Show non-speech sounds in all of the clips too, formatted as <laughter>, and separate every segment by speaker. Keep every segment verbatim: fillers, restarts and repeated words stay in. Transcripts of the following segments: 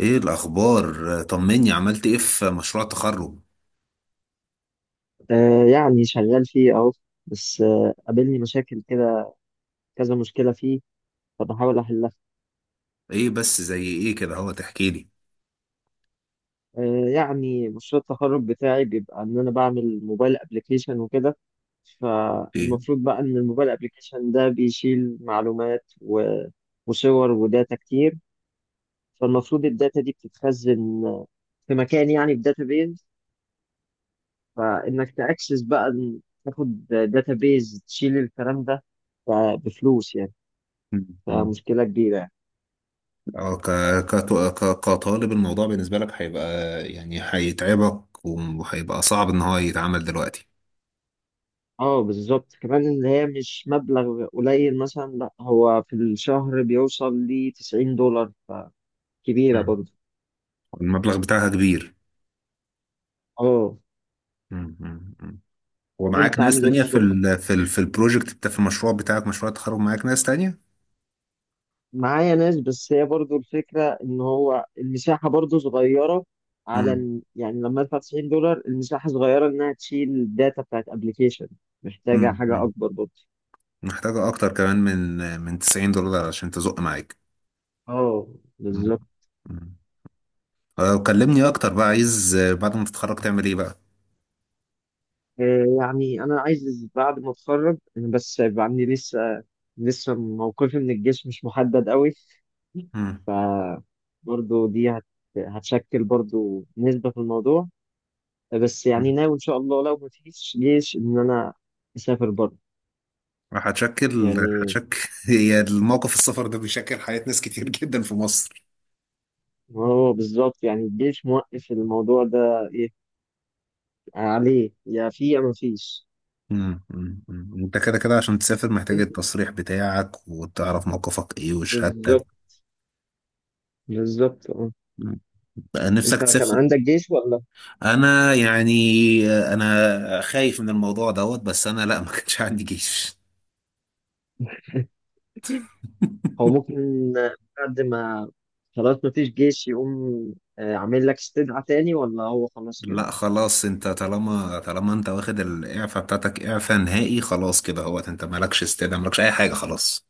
Speaker 1: ايه الاخبار؟ طمني، عملت ايه في مشروع تخرج؟
Speaker 2: آه يعني شغال فيه أهو. بس آه قابلني مشاكل كده، كذا مشكلة فيه، فبحاول أحلها.
Speaker 1: ايه بس زي ايه كده؟ هو تحكي لي
Speaker 2: آه يعني مشروع التخرج بتاعي بيبقى إن أنا بعمل موبايل أبليكيشن وكده،
Speaker 1: ايه؟
Speaker 2: فالمفروض بقى إن الموبايل أبليكيشن ده بيشيل معلومات و- وصور وداتا كتير. فالمفروض الداتا دي بتتخزن في مكان، يعني في داتابيز، فإنك تأكسس بقى، تاخد داتابيز تشيل الكلام ده بفلوس يعني،
Speaker 1: مم.
Speaker 2: فمشكلة كبيرة.
Speaker 1: اه ك... كت... ك... كطالب الموضوع بالنسبه لك هيبقى يعني هيتعبك، وهيبقى صعب ان هو يتعمل دلوقتي.
Speaker 2: اه بالظبط، كمان اللي هي مش مبلغ قليل مثلا، لا هو في الشهر بيوصل ل تسعين دولار، فكبيرة
Speaker 1: مم.
Speaker 2: برضه.
Speaker 1: المبلغ بتاعها كبير.
Speaker 2: اه،
Speaker 1: مم. مم. مم. ومعاك
Speaker 2: انت
Speaker 1: ناس
Speaker 2: عامل ايه في
Speaker 1: تانية في
Speaker 2: الشغل؟
Speaker 1: ال... في ال... في البروجكت بتاع، في المشروع بتاعك، مشروع التخرج معاك ناس تانية؟
Speaker 2: معايا ناس، بس هي برضه الفكرة ان هو المساحة برضه صغيرة على
Speaker 1: مم.
Speaker 2: إن- يعني لما ادفع تسعين دولار المساحة صغيرة انها تشيل الداتا بتاعت ابلكيشن، محتاجة
Speaker 1: مم.
Speaker 2: حاجة
Speaker 1: مم.
Speaker 2: اكبر برضه.
Speaker 1: محتاجة اكتر كمان من من تسعين دولار عشان تزق معاك.
Speaker 2: اه
Speaker 1: مم.
Speaker 2: بالظبط.
Speaker 1: مم. آه، كلمني اكتر بقى، عايز آه، بعد ما تتخرج تعمل ايه بقى؟
Speaker 2: آه، يعني انا عايز بعد ما اتخرج أنا، بس هيبقى عندي لسه لسه موقفي من الجيش مش محدد قوي.
Speaker 1: مم.
Speaker 2: ف برضه دي هت... هتشكل برضه نسبة في الموضوع، بس يعني
Speaker 1: مم.
Speaker 2: ناوي إن شاء الله لو مفيش جيش إن أنا أسافر بره
Speaker 1: هتشكل
Speaker 2: يعني.
Speaker 1: هتشكل <laughs> هي الموقف السفر ده بيشكل حياة ناس كتير جدا في مصر.
Speaker 2: هو بالظبط يعني الجيش موقف الموضوع ده إيه، عليه يا في يا مفيش.
Speaker 1: مم. مم. مم. انت كده كده عشان تسافر محتاج التصريح بتاعك، وتعرف موقفك ايه وشهادتك.
Speaker 2: بالظبط بالظبط أه.
Speaker 1: مم. بقى
Speaker 2: أنت
Speaker 1: نفسك
Speaker 2: كان
Speaker 1: تسافر.
Speaker 2: عندك جيش ولا؟
Speaker 1: انا يعني آه، انا خايف من الموضوع دوت، بس انا لا، ما كانش عندي جيش.
Speaker 2: هو ممكن بعد ما خلاص ما فيش جيش يقوم آه، عامل لك استدعاء تاني ولا هو خلاص كده؟
Speaker 1: لا خلاص، انت طالما طالما انت واخد الاعفاء بتاعتك اعفاء نهائي خلاص كده اهوت، انت مالكش استدعاء، مالكش اي حاجه خلاص.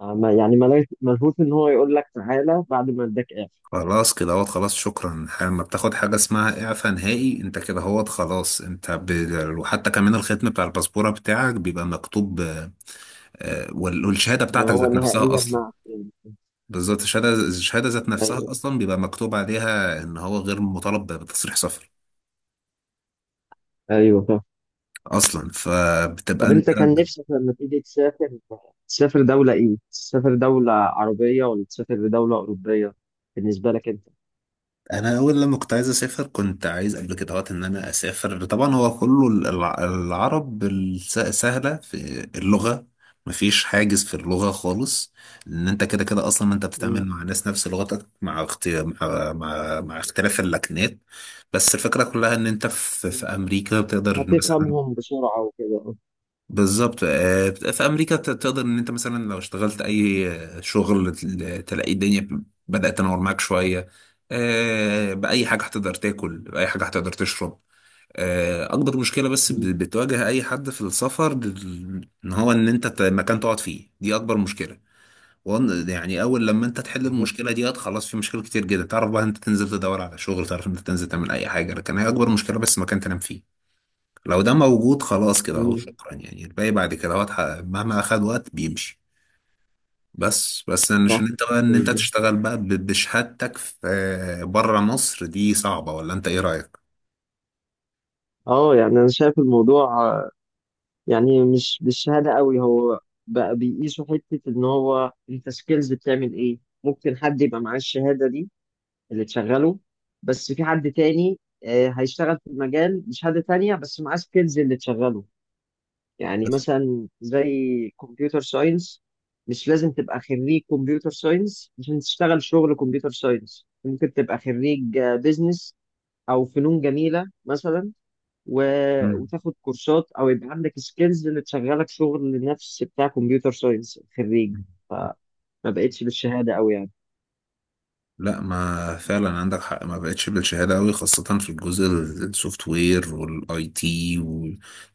Speaker 2: آه، ما- يعني ملهوش ملهوش ان هو يقول لك تعالى بعد ما اداك اعفاء،
Speaker 1: خلاص كده اهوت خلاص، شكرا، لما بتاخد حاجه اسمها اعفاء نهائي انت كده اهوت خلاص. انت ب... وحتى كمان الختم بتاع الباسبوره بتاعك بيبقى مكتوب آه، آه، وال- والشهاده
Speaker 2: يبقى
Speaker 1: بتاعتك
Speaker 2: هو
Speaker 1: ذات نفسها
Speaker 2: نهائيا
Speaker 1: اصلا.
Speaker 2: معك يعني.
Speaker 1: بالظبط، الشهاده الشهاده ذات نفسها
Speaker 2: ايوه
Speaker 1: اصلا بيبقى مكتوب عليها ان هو غير مطالب بتصريح سفر
Speaker 2: ايوه فاهم.
Speaker 1: اصلا، فبتبقى
Speaker 2: طب
Speaker 1: انت.
Speaker 2: انت كان نفسك لما تيجي تسافر، تسافر دولة ايه؟ تسافر دولة عربية ولا تسافر لدولة أوروبية؟ بالنسبة لك انت؟
Speaker 1: انا اول لما كنت عايز اسافر كنت عايز قبل كده وقت ان انا اسافر، طبعا هو كله الع- العرب الس- سهله في اللغه، مفيش حاجز في اللغه خالص، ان انت كده كده اصلا انت
Speaker 2: مم.
Speaker 1: بتتعامل مع ناس نفس لغتك، مع اختي... مع... مع مع اختلاف اللكنات. بس الفكره كلها ان انت في, في امريكا بتقدر مثلا.
Speaker 2: هتفهمهم بسرعة وكده.
Speaker 1: بالظبط، آه، في امريكا ت- تقدر ان انت مثلا لو اشتغلت اي آه، شغل تل- تلاقي الدنيا بدأت تنور معاك شويه. آه، باي حاجه هتقدر تاكل، باي حاجه هتقدر تشرب. آه، اكبر مشكله بس ب-
Speaker 2: مم.
Speaker 1: بتواجه اي حد في السفر ال- ان هو ان انت ت- مكان تقعد فيه، دي اكبر مشكله. وأن- يعني اول لما انت تحل
Speaker 2: بالظبط.
Speaker 1: المشكله دي خلاص، في مشاكل كتير جدا تعرف بقى انت تنزل تدور على شغل، تعرف انت تنزل تعمل اي حاجه، لكن هي اكبر مشكله بس مكان تنام فيه. لو ده موجود خلاص كده اهو
Speaker 2: مم.
Speaker 1: شكرا، يعني الباقي بعد كده هو اتحقق. مهما اخد وقت بيمشي. بس بس أنا
Speaker 2: صح.
Speaker 1: عشان انت بقى ان انت تشتغل بقى ب- بشهادتك في بره مصر دي صعبة، ولا انت ايه رأيك؟
Speaker 2: اه يعني انا شايف الموضوع آه، يعني مش بالشهاده قوي هو، بقى بيقيسوا حته ان هو انت سكيلز بتعمل ايه، ممكن حد يبقى معاه الشهاده دي اللي تشغله، بس في حد تاني آه، هيشتغل في المجال بشهاده تانيه بس معاه سكيلز اللي تشغله. يعني
Speaker 1: بس.
Speaker 2: مثلا زي كمبيوتر ساينس، مش لازم تبقى خريج كمبيوتر ساينس عشان تشتغل شغل كمبيوتر ساينس، ممكن تبقى خريج بيزنس او فنون جميله مثلا، و... وتاخد كورسات او يبقى عندك سكيلز اللي تشغلك شغل نفس بتاع كمبيوتر ساينس خريج.
Speaker 1: مم.
Speaker 2: فما بقتش بالشهاده قوي يعني.
Speaker 1: لا، ما فعلا عندك حق، ما بقتش بالشهاده قوي، خاصه في الجزء السوفت وير والاي تي.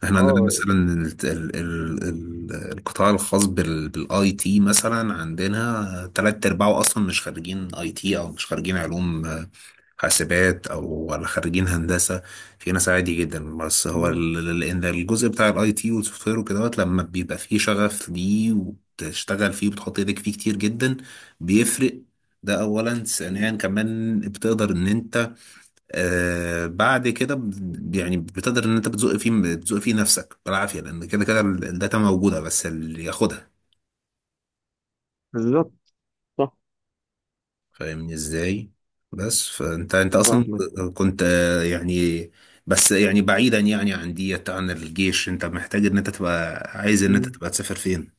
Speaker 1: احنا عندنا
Speaker 2: اه
Speaker 1: مثلا
Speaker 2: يعني.
Speaker 1: ال- ال- ال- ال- القطاع الخاص بالاي تي مثلا، عندنا تلات ارباعه اصلا مش خريجين اي تي، او مش خريجين علوم آه، حاسبات، او ولا خريجين هندسه. في ناس عادي جدا، بس هو
Speaker 2: مم.
Speaker 1: ال- ال- ان الجزء بتاع الاي تي والسوفت وير وكده دوت لما بيبقى فيه شغف ليه، وتشتغل فيه، وبتحط ايدك فيه كتير جدا بيفرق. ده اولا. ثانيا كمان بتقدر ان انت آه بعد كده ب- يعني بتقدر ان انت بتزق فيه بتزق فيه نفسك بالعافيه، لان كده كده ال- الداتا موجوده بس اللي ياخدها.
Speaker 2: بالظبط. صح.
Speaker 1: فاهمني ازاي؟ بس فانت انت اصلا
Speaker 2: فاهمك.
Speaker 1: كنت آه يعني بس يعني بعيدا يعني عن ديت، عن الجيش انت محتاج ان انت تبقى عايز ان انت
Speaker 2: مم.
Speaker 1: تبقى تسافر فين.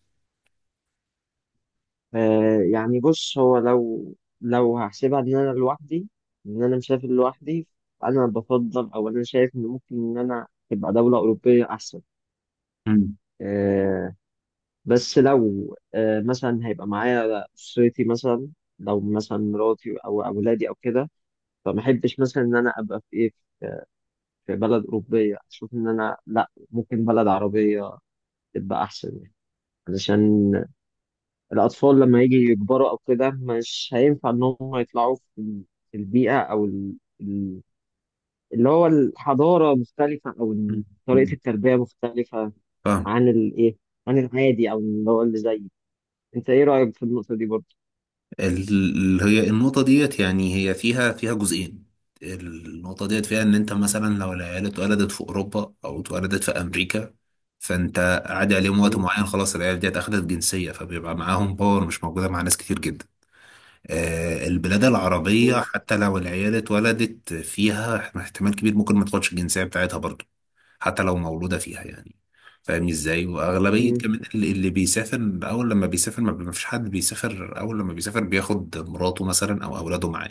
Speaker 2: آه يعني بص هو لو، لو هحسبها ان انا لوحدي، ان انا مسافر لوحدي، انا بفضل او انا شايف ان ممكن ان انا تبقى دولة أوروبية أحسن.
Speaker 1: مم.
Speaker 2: آه، بس لو آه مثلا هيبقى معايا أسرتي مثلا، لو مثلا مراتي أو أولادي أو كده، فما احبش مثلا ان انا ابقى في ايه، في بلد اوروبيه، اشوف ان انا لا ممكن بلد عربيه تبقى احسن يعني، علشان الاطفال لما يجي يكبروا او كده مش هينفع ان هم يطلعوا في في البيئه او ال... ال- اللي هو الحضاره مختلفه او
Speaker 1: مم.
Speaker 2: إن طريقه
Speaker 1: مم.
Speaker 2: التربيه مختلفه
Speaker 1: فاهم.
Speaker 2: عن الايه، عن العادي او اللي هو اللي زيي. انت ايه رايك في النقطه دي برضه؟
Speaker 1: ال- هي النقطة ديت يعني هي فيها فيها جزئين. النقطة ديت فيها إن أنت
Speaker 2: <laughs>
Speaker 1: مثلا لو العيال اتولدت في أوروبا أو اتولدت في أمريكا، فأنت عادي عليهم وقت
Speaker 2: مم.
Speaker 1: معين، خلاص العيال ديت أخدت جنسية، فبيبقى معاهم باور مش موجودة مع ناس كتير جدا. آه، البلاد العربية حتى لو العيال اتولدت فيها، احتمال كبير ممكن ما تاخدش الجنسية بتاعتها برضه، حتى لو مولودة فيها يعني. فاهمني ازاي؟ واغلبية
Speaker 2: مم.
Speaker 1: كمان اللي اللي بيسافر اول لما بيسافر، ما ما فيش حد بيسافر اول لما بيسافر بياخد مراته مثلا او اولاده معاه.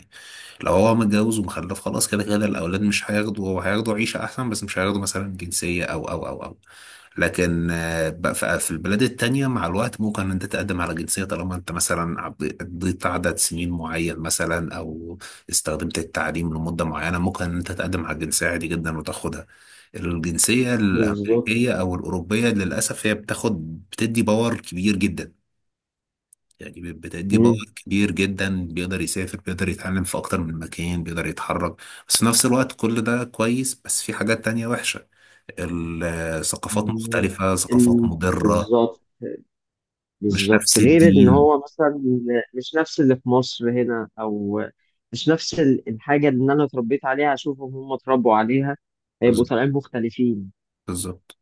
Speaker 1: لو هو متجوز ومخلف، خلاص كده كده الأولاد مش هياخدوا، هو هياخدوا عيشة أحسن، بس مش هياخدوا مثلا جنسية أو أو أو أو. لكن آه، بقى في في البلاد التانية مع الوقت ممكن أنت تقدم على جنسية، طالما أنت مثلا عب- قضيت عدد سنين معين مثلا، أو استخدمت التعليم لمدة معينة، ممكن أنت تقدم على الجنسية عادي جدا وتاخدها. الجنسية الأمريكية
Speaker 2: بالظبط.
Speaker 1: أو الأوروبية للأسف هي بتاخد بتدي باور كبير جدا، يعني بتدي
Speaker 2: مم.
Speaker 1: باور كبير جدا، بيقدر يسافر، بيقدر يتعلم في أكتر من مكان، بيقدر يتحرك. بس في نفس الوقت كل ده كويس، بس في حاجات تانية وحشة. الثقافات مختلفة، ثقافات
Speaker 2: ال-
Speaker 1: مضرة،
Speaker 2: بالظبط
Speaker 1: مش
Speaker 2: بالظبط
Speaker 1: نفس
Speaker 2: غير ان
Speaker 1: الدين.
Speaker 2: هو مثلا مش نفس اللي في مصر هنا او مش نفس ال- الحاجه اللي انا اتربيت عليها اشوفهم هم اتربوا عليها، هيبقوا
Speaker 1: بز-
Speaker 2: طالعين مختلفين
Speaker 1: بالظبط.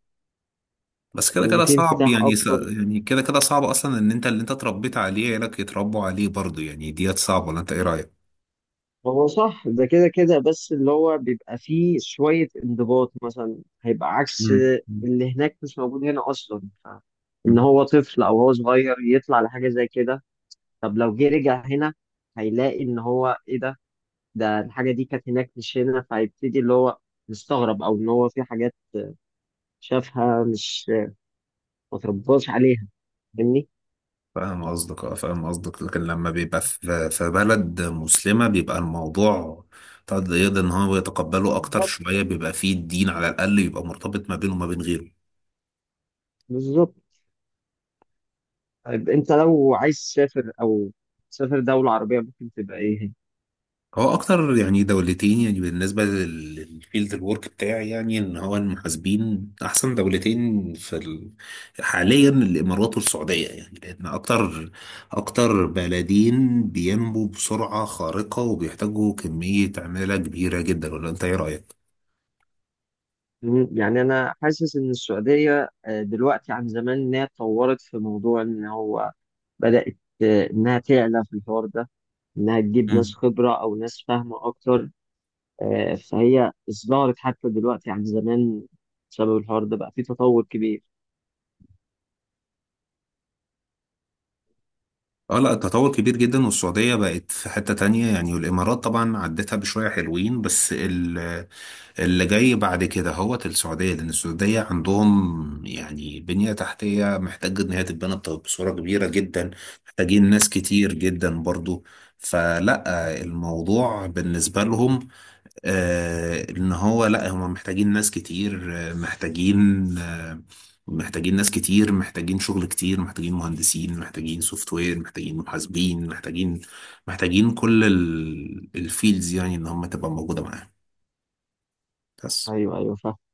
Speaker 1: بس كده
Speaker 2: لان
Speaker 1: كده
Speaker 2: في
Speaker 1: صعب
Speaker 2: انفتاح
Speaker 1: يعني س-
Speaker 2: اكتر.
Speaker 1: يعني كده كده صعب أصلا إن أنت اللي أنت اتربيت عليه عيالك يتربوا عليه برضه يعني. ديت صعبة ولا أنت إيه رأيك؟
Speaker 2: هو صح ده كده كده، بس اللي هو بيبقى فيه شويه انضباط مثلا هيبقى عكس اللي هناك، مش موجود هنا اصلا ف- ان
Speaker 1: مم.
Speaker 2: هو طفل او هو صغير يطلع لحاجه زي كده. طب لو جه رجع هنا هيلاقي ان هو ايه ده، ده الحاجة دي كانت هناك مش هنا، فهيبتدي اللي هو مستغرب أو إن هو في حاجات شافها مش ما ترباش عليها. فاهمني؟
Speaker 1: فاهم قصدك، اه فاهم قصدك، لكن لما بيبقى في في بلد مسلمة بيبقى الموضوع طب يقدر ان هو يتقبله اكتر
Speaker 2: بالظبط
Speaker 1: شوية، بيبقى فيه الدين على الاقل يبقى مرتبط ما بينه وما بين غيره.
Speaker 2: بالظبط. طيب أنت لو عايز تسافر أو تسافر دولة عربية ممكن تبقى إيه هي؟
Speaker 1: هو اكتر يعني دولتين، يعني بالنسبة لل- للفيلد الورك بتاعي، يعني ان هو المحاسبين احسن دولتين في ال... حاليا الامارات والسعودية، يعني لان اكتر اكتر بلدين بينمو بسرعة خارقة، وبيحتاجوا كمية عمالة كبيرة جدا، ولا انت ايه رأيك؟
Speaker 2: مم، يعني أنا حاسس إن السعودية آه، دلوقتي عن زمان إنها اتطورت في موضوع إن هو بدأت آه، إنها تعلى في الحوار ده، إنها تجيب ناس
Speaker 1: مم.
Speaker 2: خبرة أو ناس فاهمة أكتر. آه، فهي ازدهرت حتى دلوقتي عن زمان بسبب الحوار ده، بقى في تطور كبير.
Speaker 1: اه لا، التطور كبير جدا، والسعودية بقت في حتة تانية يعني، والإمارات طبعا عدتها بشوية حلوين، بس ال- اللي جاي بعد كده هو السعودية، لأن السعودية عندهم يعني بنية تحتية محتاجة إن هي تتبنى بط- بصورة كبيرة جدا، محتاجين ناس كتير جدا برضو. فلا الموضوع بالنسبة لهم آه، ان هو لا، هم محتاجين ناس كتير، آه، محتاجين آه، محتاجين ناس كتير، محتاجين شغل كتير، محتاجين مهندسين، محتاجين سوفت وير، محتاجين محاسبين، محتاجين محتاجين كل الفيلدز، يعني ان هم تبقى موجودة معاهم بس.
Speaker 2: ايوه ايوه فاهم.